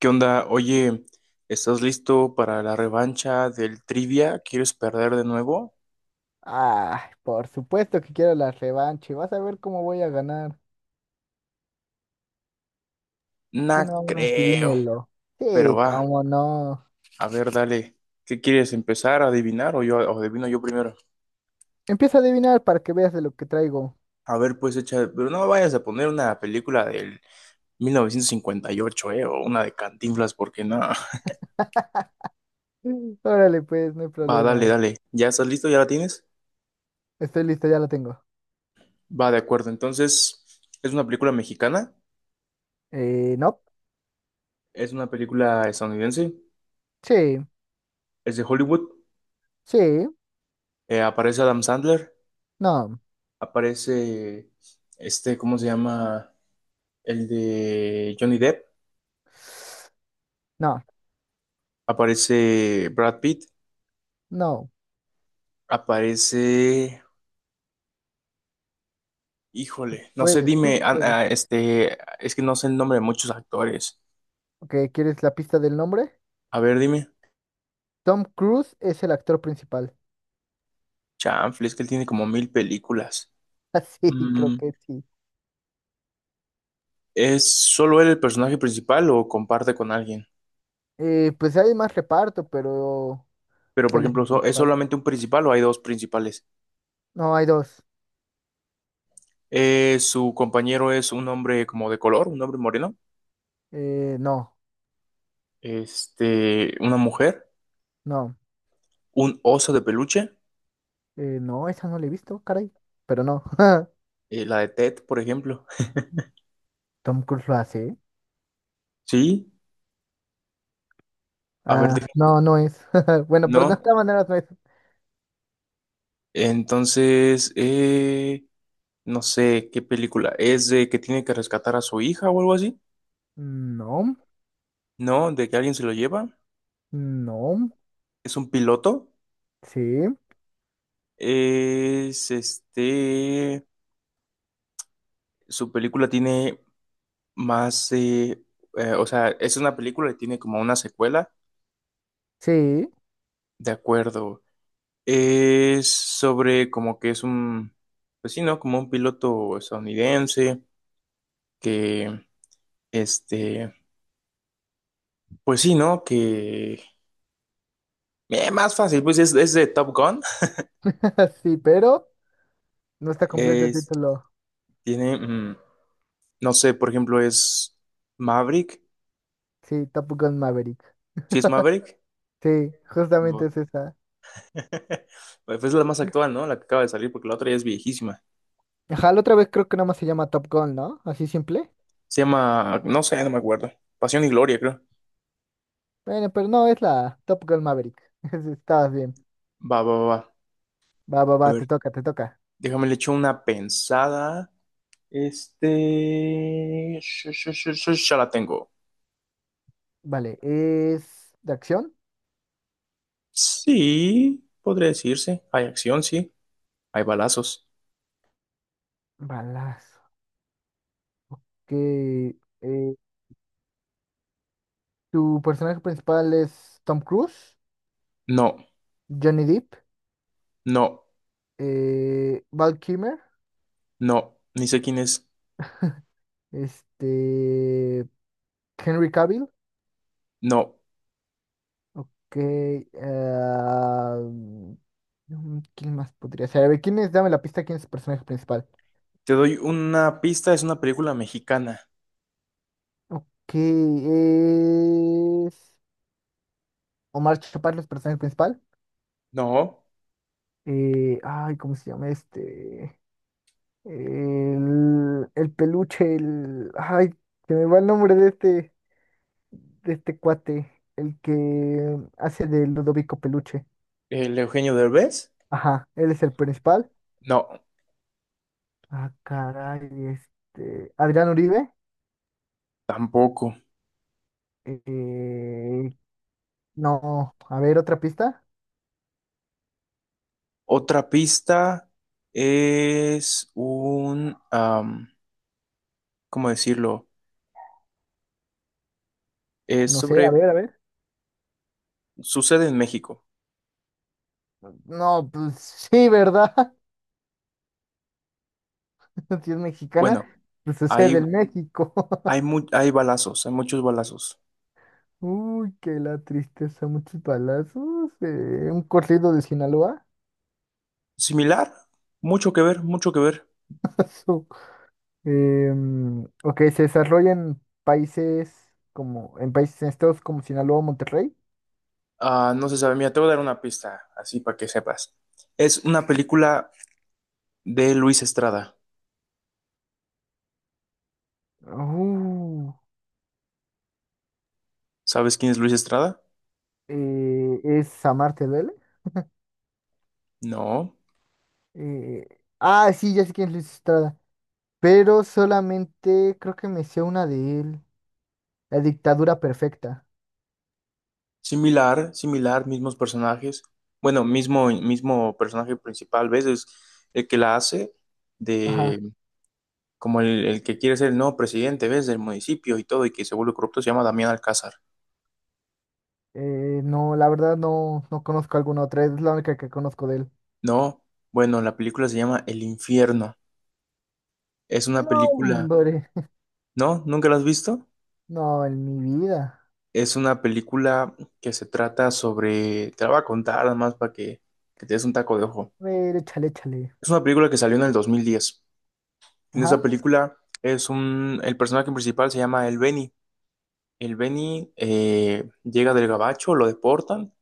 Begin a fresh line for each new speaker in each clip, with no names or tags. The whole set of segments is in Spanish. ¿Qué onda? Oye, ¿estás listo para la revancha del trivia? ¿Quieres perder de nuevo?
Ah, por supuesto que quiero la revancha, y vas a ver cómo voy a ganar. Tú
No
nomás
creo,
dímelo.
pero
Sí,
va,
cómo no.
a ver, dale. ¿Qué quieres empezar a adivinar o adivino yo primero?
Empieza a adivinar para que veas de lo que traigo.
A ver, pues echa, pero no vayas a poner una película del 1958, o una de Cantinflas porque no.
Mm. Órale, pues, no hay
Va,
problema.
dale, dale. ¿Ya estás listo? ¿Ya la tienes?
Estoy listo, ya lo tengo.
Va, de acuerdo. Entonces, ¿es una película mexicana?
No.
¿Es una película estadounidense?
Sí,
¿Es de Hollywood?
sí,
¿Aparece Adam Sandler?
no.
Aparece este, ¿cómo se llama? El de Johnny Depp,
No,
aparece Brad Pitt,
no.
aparece,
Tú
híjole, no sé,
puedes, tú
dime,
puedes.
este, es que no sé el nombre de muchos actores.
Ok, ¿quieres la pista del nombre?
A ver, dime,
Tom Cruise es el actor principal.
chanfle, es que él tiene como mil películas.
Así, creo
Mm,
que sí.
¿Es solo él el personaje principal o comparte con alguien?
Pues hay más reparto, pero
Pero, por
él es
ejemplo,
el
¿es
principal.
solamente un principal o hay dos principales?
No, hay dos.
Su compañero es un hombre como de color, un hombre moreno,
No,
este, una mujer.
no.
Un oso de peluche,
No, esa no la he visto, caray. Pero no.
la de Ted, por ejemplo.
Tom Cruise lo hace, ¿eh?
Sí, a ver,
Ah,
dime.
no, no es. Bueno, pero de
No,
esta manera no es.
entonces, no sé qué película. ¿Es de que tiene que rescatar a su hija o algo así?
No,
No, de que alguien se lo lleva.
no.
¿Es un piloto?
Sí,
Es este. Su película tiene más. O sea, es una película y tiene como una secuela.
sí,
De acuerdo. Es sobre como que es un. Pues sí, ¿no? Como un piloto estadounidense que, este, pues sí, ¿no? Que más fácil, pues es de Top Gun.
sí, pero no está completo el
Es-
título.
Tiene, no sé, por ejemplo, es Maverick.
Sí, Top Gun Maverick.
¿Sí es Maverick?
Sí, justamente
Bu-
es esa.
Pues es la más actual, ¿no? La que acaba de salir, porque la otra ya es viejísima.
Ajá, la otra vez creo que nada más se llama Top Gun, ¿no? Así simple.
Se llama, no sé, no me acuerdo. Pasión y Gloria, creo.
Bueno, pero no, es la Top Gun Maverick. Estabas bien.
Va, va, va.
Va, va,
A
va,
ver,
te toca, te toca.
déjame le echo una pensada. Ya la tengo.
Vale, ¿es de acción?
Sí, podría decirse. Hay acción, sí. Hay balazos.
Balazo. Que eh, tu personaje principal es Tom Cruise,
No,
Johnny Depp,
no,
Val Kilmer,
no. Ni sé quién es.
este, Henry Cavill.
No.
Ok. ah, ¿Quién más podría ser? A ver, ¿quién es? Dame la pista, ¿quién es el personaje principal?
Te doy una pista, es una película mexicana.
Ok, es Omar Chaparro, es el personaje principal.
No.
Ay, ¿cómo se llama este? El peluche. Ay, se me va el nombre de este cuate, el que hace de Ludovico Peluche.
¿El Eugenio Derbez?
Ajá, él es el principal.
No,
Ah, caray, Adrián Uribe.
tampoco.
Eh, no, a ver, otra pista.
Otra pista es un... ¿cómo decirlo? Es
No sé, a
sobre...
ver, a ver.
Sucede en México.
No, pues sí, ¿verdad? Si es mexicana,
Bueno,
pues sucede
hay,
en México.
hay balazos, hay muchos balazos.
Uy, qué la tristeza, muchos balazos. Un corrido de Sinaloa.
Similar, mucho que ver, mucho que ver.
Ok, se desarrolla en países en estados como Sinaloa, Monterrey.
Ah, no se sabe. Mira, te voy a dar una pista, así para que sepas. Es una película de Luis Estrada.
Uh,
¿Sabes quién es Luis Estrada?
es Amar, ¿te duele?
No.
Eh, sí, ya sé quién es Luis Estrada. Pero solamente creo que me sé una de él. La dictadura perfecta.
Similar, similar, mismos personajes. Bueno, mismo, mismo personaje principal, ¿ves? Es el que la hace
Ajá.
de como el que quiere ser el nuevo presidente, ¿ves? Del municipio y todo, y que se vuelve corrupto, se llama Damián Alcázar.
No, la verdad no, no conozco alguna otra. Es la única que conozco de él.
No, bueno, la película se llama El Infierno. Es una
No,
película,
hombre.
¿no? ¿Nunca la has visto?
No, en mi vida.
Es una película que se trata sobre, te la voy a contar nada más para que te des un taco de ojo.
A ver, échale, échale.
Es una película que salió en el 2010. En esa
Ajá.
película es un, el personaje principal se llama El Beni. El Beni llega del Gabacho, lo deportan,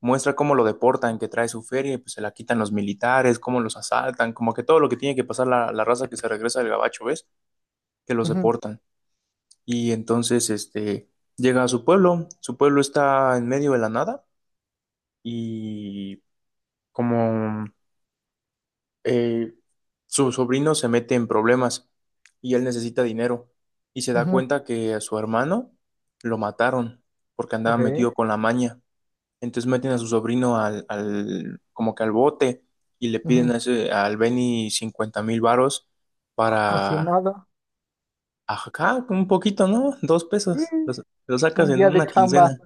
muestra cómo lo deportan, que trae su feria y pues se la quitan los militares, cómo los asaltan, como que todo lo que tiene que pasar la, la raza que se regresa del Gabacho, ¿ves? Que los
Ujú,
deportan. Y entonces este, llega a su pueblo está en medio de la nada y como eh, su sobrino se mete en problemas y él necesita dinero y se da
ujú.
cuenta que a su hermano lo mataron porque andaba
Ok.
metido con la maña. Entonces meten a su sobrino como que al bote y le piden
Ujú.
al Benny 50,000 varos
Casi
para
nada.
acá un poquito, ¿no? Dos
Sí,
pesos. Los- Lo, sacas
un
en
día de
una
chamba.
quincena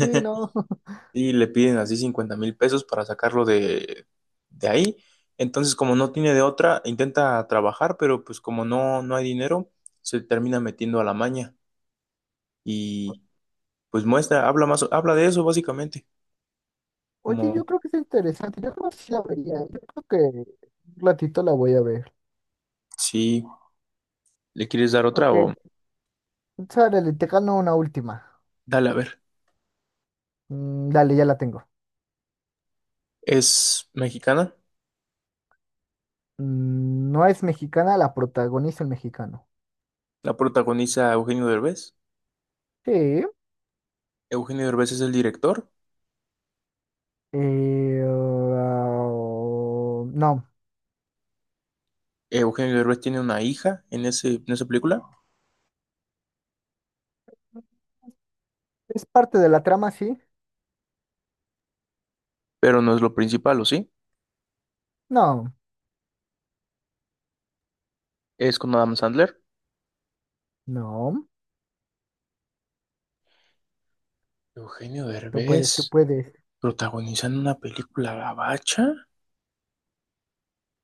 Sí, no.
y le piden así 50,000 pesos para sacarlo de ahí. Entonces, como no tiene de otra, intenta trabajar, pero pues como no, no hay dinero, se termina metiendo a la maña y pues muestra, habla más, habla de eso básicamente,
Oye, yo
como
creo que es interesante. Yo creo que sí la vería. Yo creo que un ratito la voy a ver.
si le quieres dar otra
Ok,
o
sárale, te gano una última.
dale a ver.
Dale, ya la tengo.
Es mexicana,
No es mexicana, la protagoniza el mexicano.
la protagoniza Eugenio Derbez.
Sí.
Eugenio Derbez es el director.
No.
Eugenio Derbez tiene una hija en ese, en esa película,
¿Es parte de la trama, sí?
pero no es lo principal, ¿o sí?
No,
Es con Adam Sandler.
no.
Eugenio
Tú puedes, tú
Derbez.
puedes.
¿Protagonizando una película gabacha?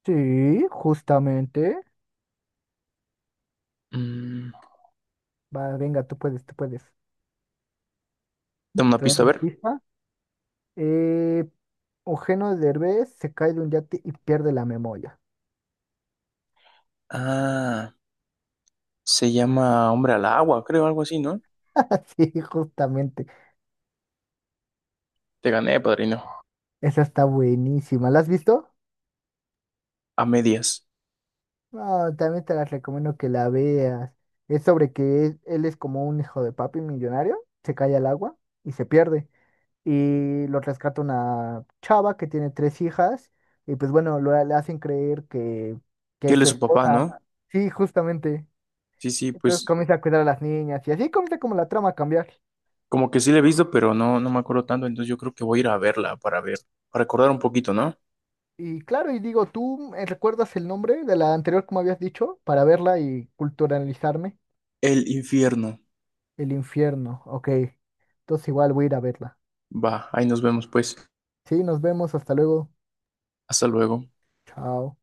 Sí, justamente.
Mm,
Va, venga, tú puedes, tú puedes.
dame una
¿Te doy
pista, a
una
ver.
pista? Eh, Eugenio Derbez se cae de un yate y pierde la memoria.
Ah, se llama Hombre al Agua, creo, algo así, ¿no?
Sí, justamente.
Te gané, padrino.
Esa está buenísima. ¿La has visto?
A medias.
No, también te las recomiendo que la veas. Es sobre que él es como un hijo de papi millonario, se cae al agua y se pierde. Y lo rescata una chava que tiene tres hijas y pues bueno, le hacen creer que
Que
es
él
su
es su papá,
esposa.
¿no?
Sí, justamente.
Sí, sí,
Entonces
pues
comienza a cuidar a las niñas y así comienza como la trama a cambiar.
como que sí la he visto, pero no, no me acuerdo tanto, entonces yo creo que voy a ir a verla para ver, para recordar un poquito, ¿no?
Y claro, y digo, ¿tú recuerdas el nombre de la anterior, como habías dicho, para verla y culturalizarme?
El infierno.
El Infierno, ok. Entonces igual voy a ir a verla.
Va, ahí nos vemos pues.
Sí, nos vemos, hasta luego.
Hasta luego.
Chao.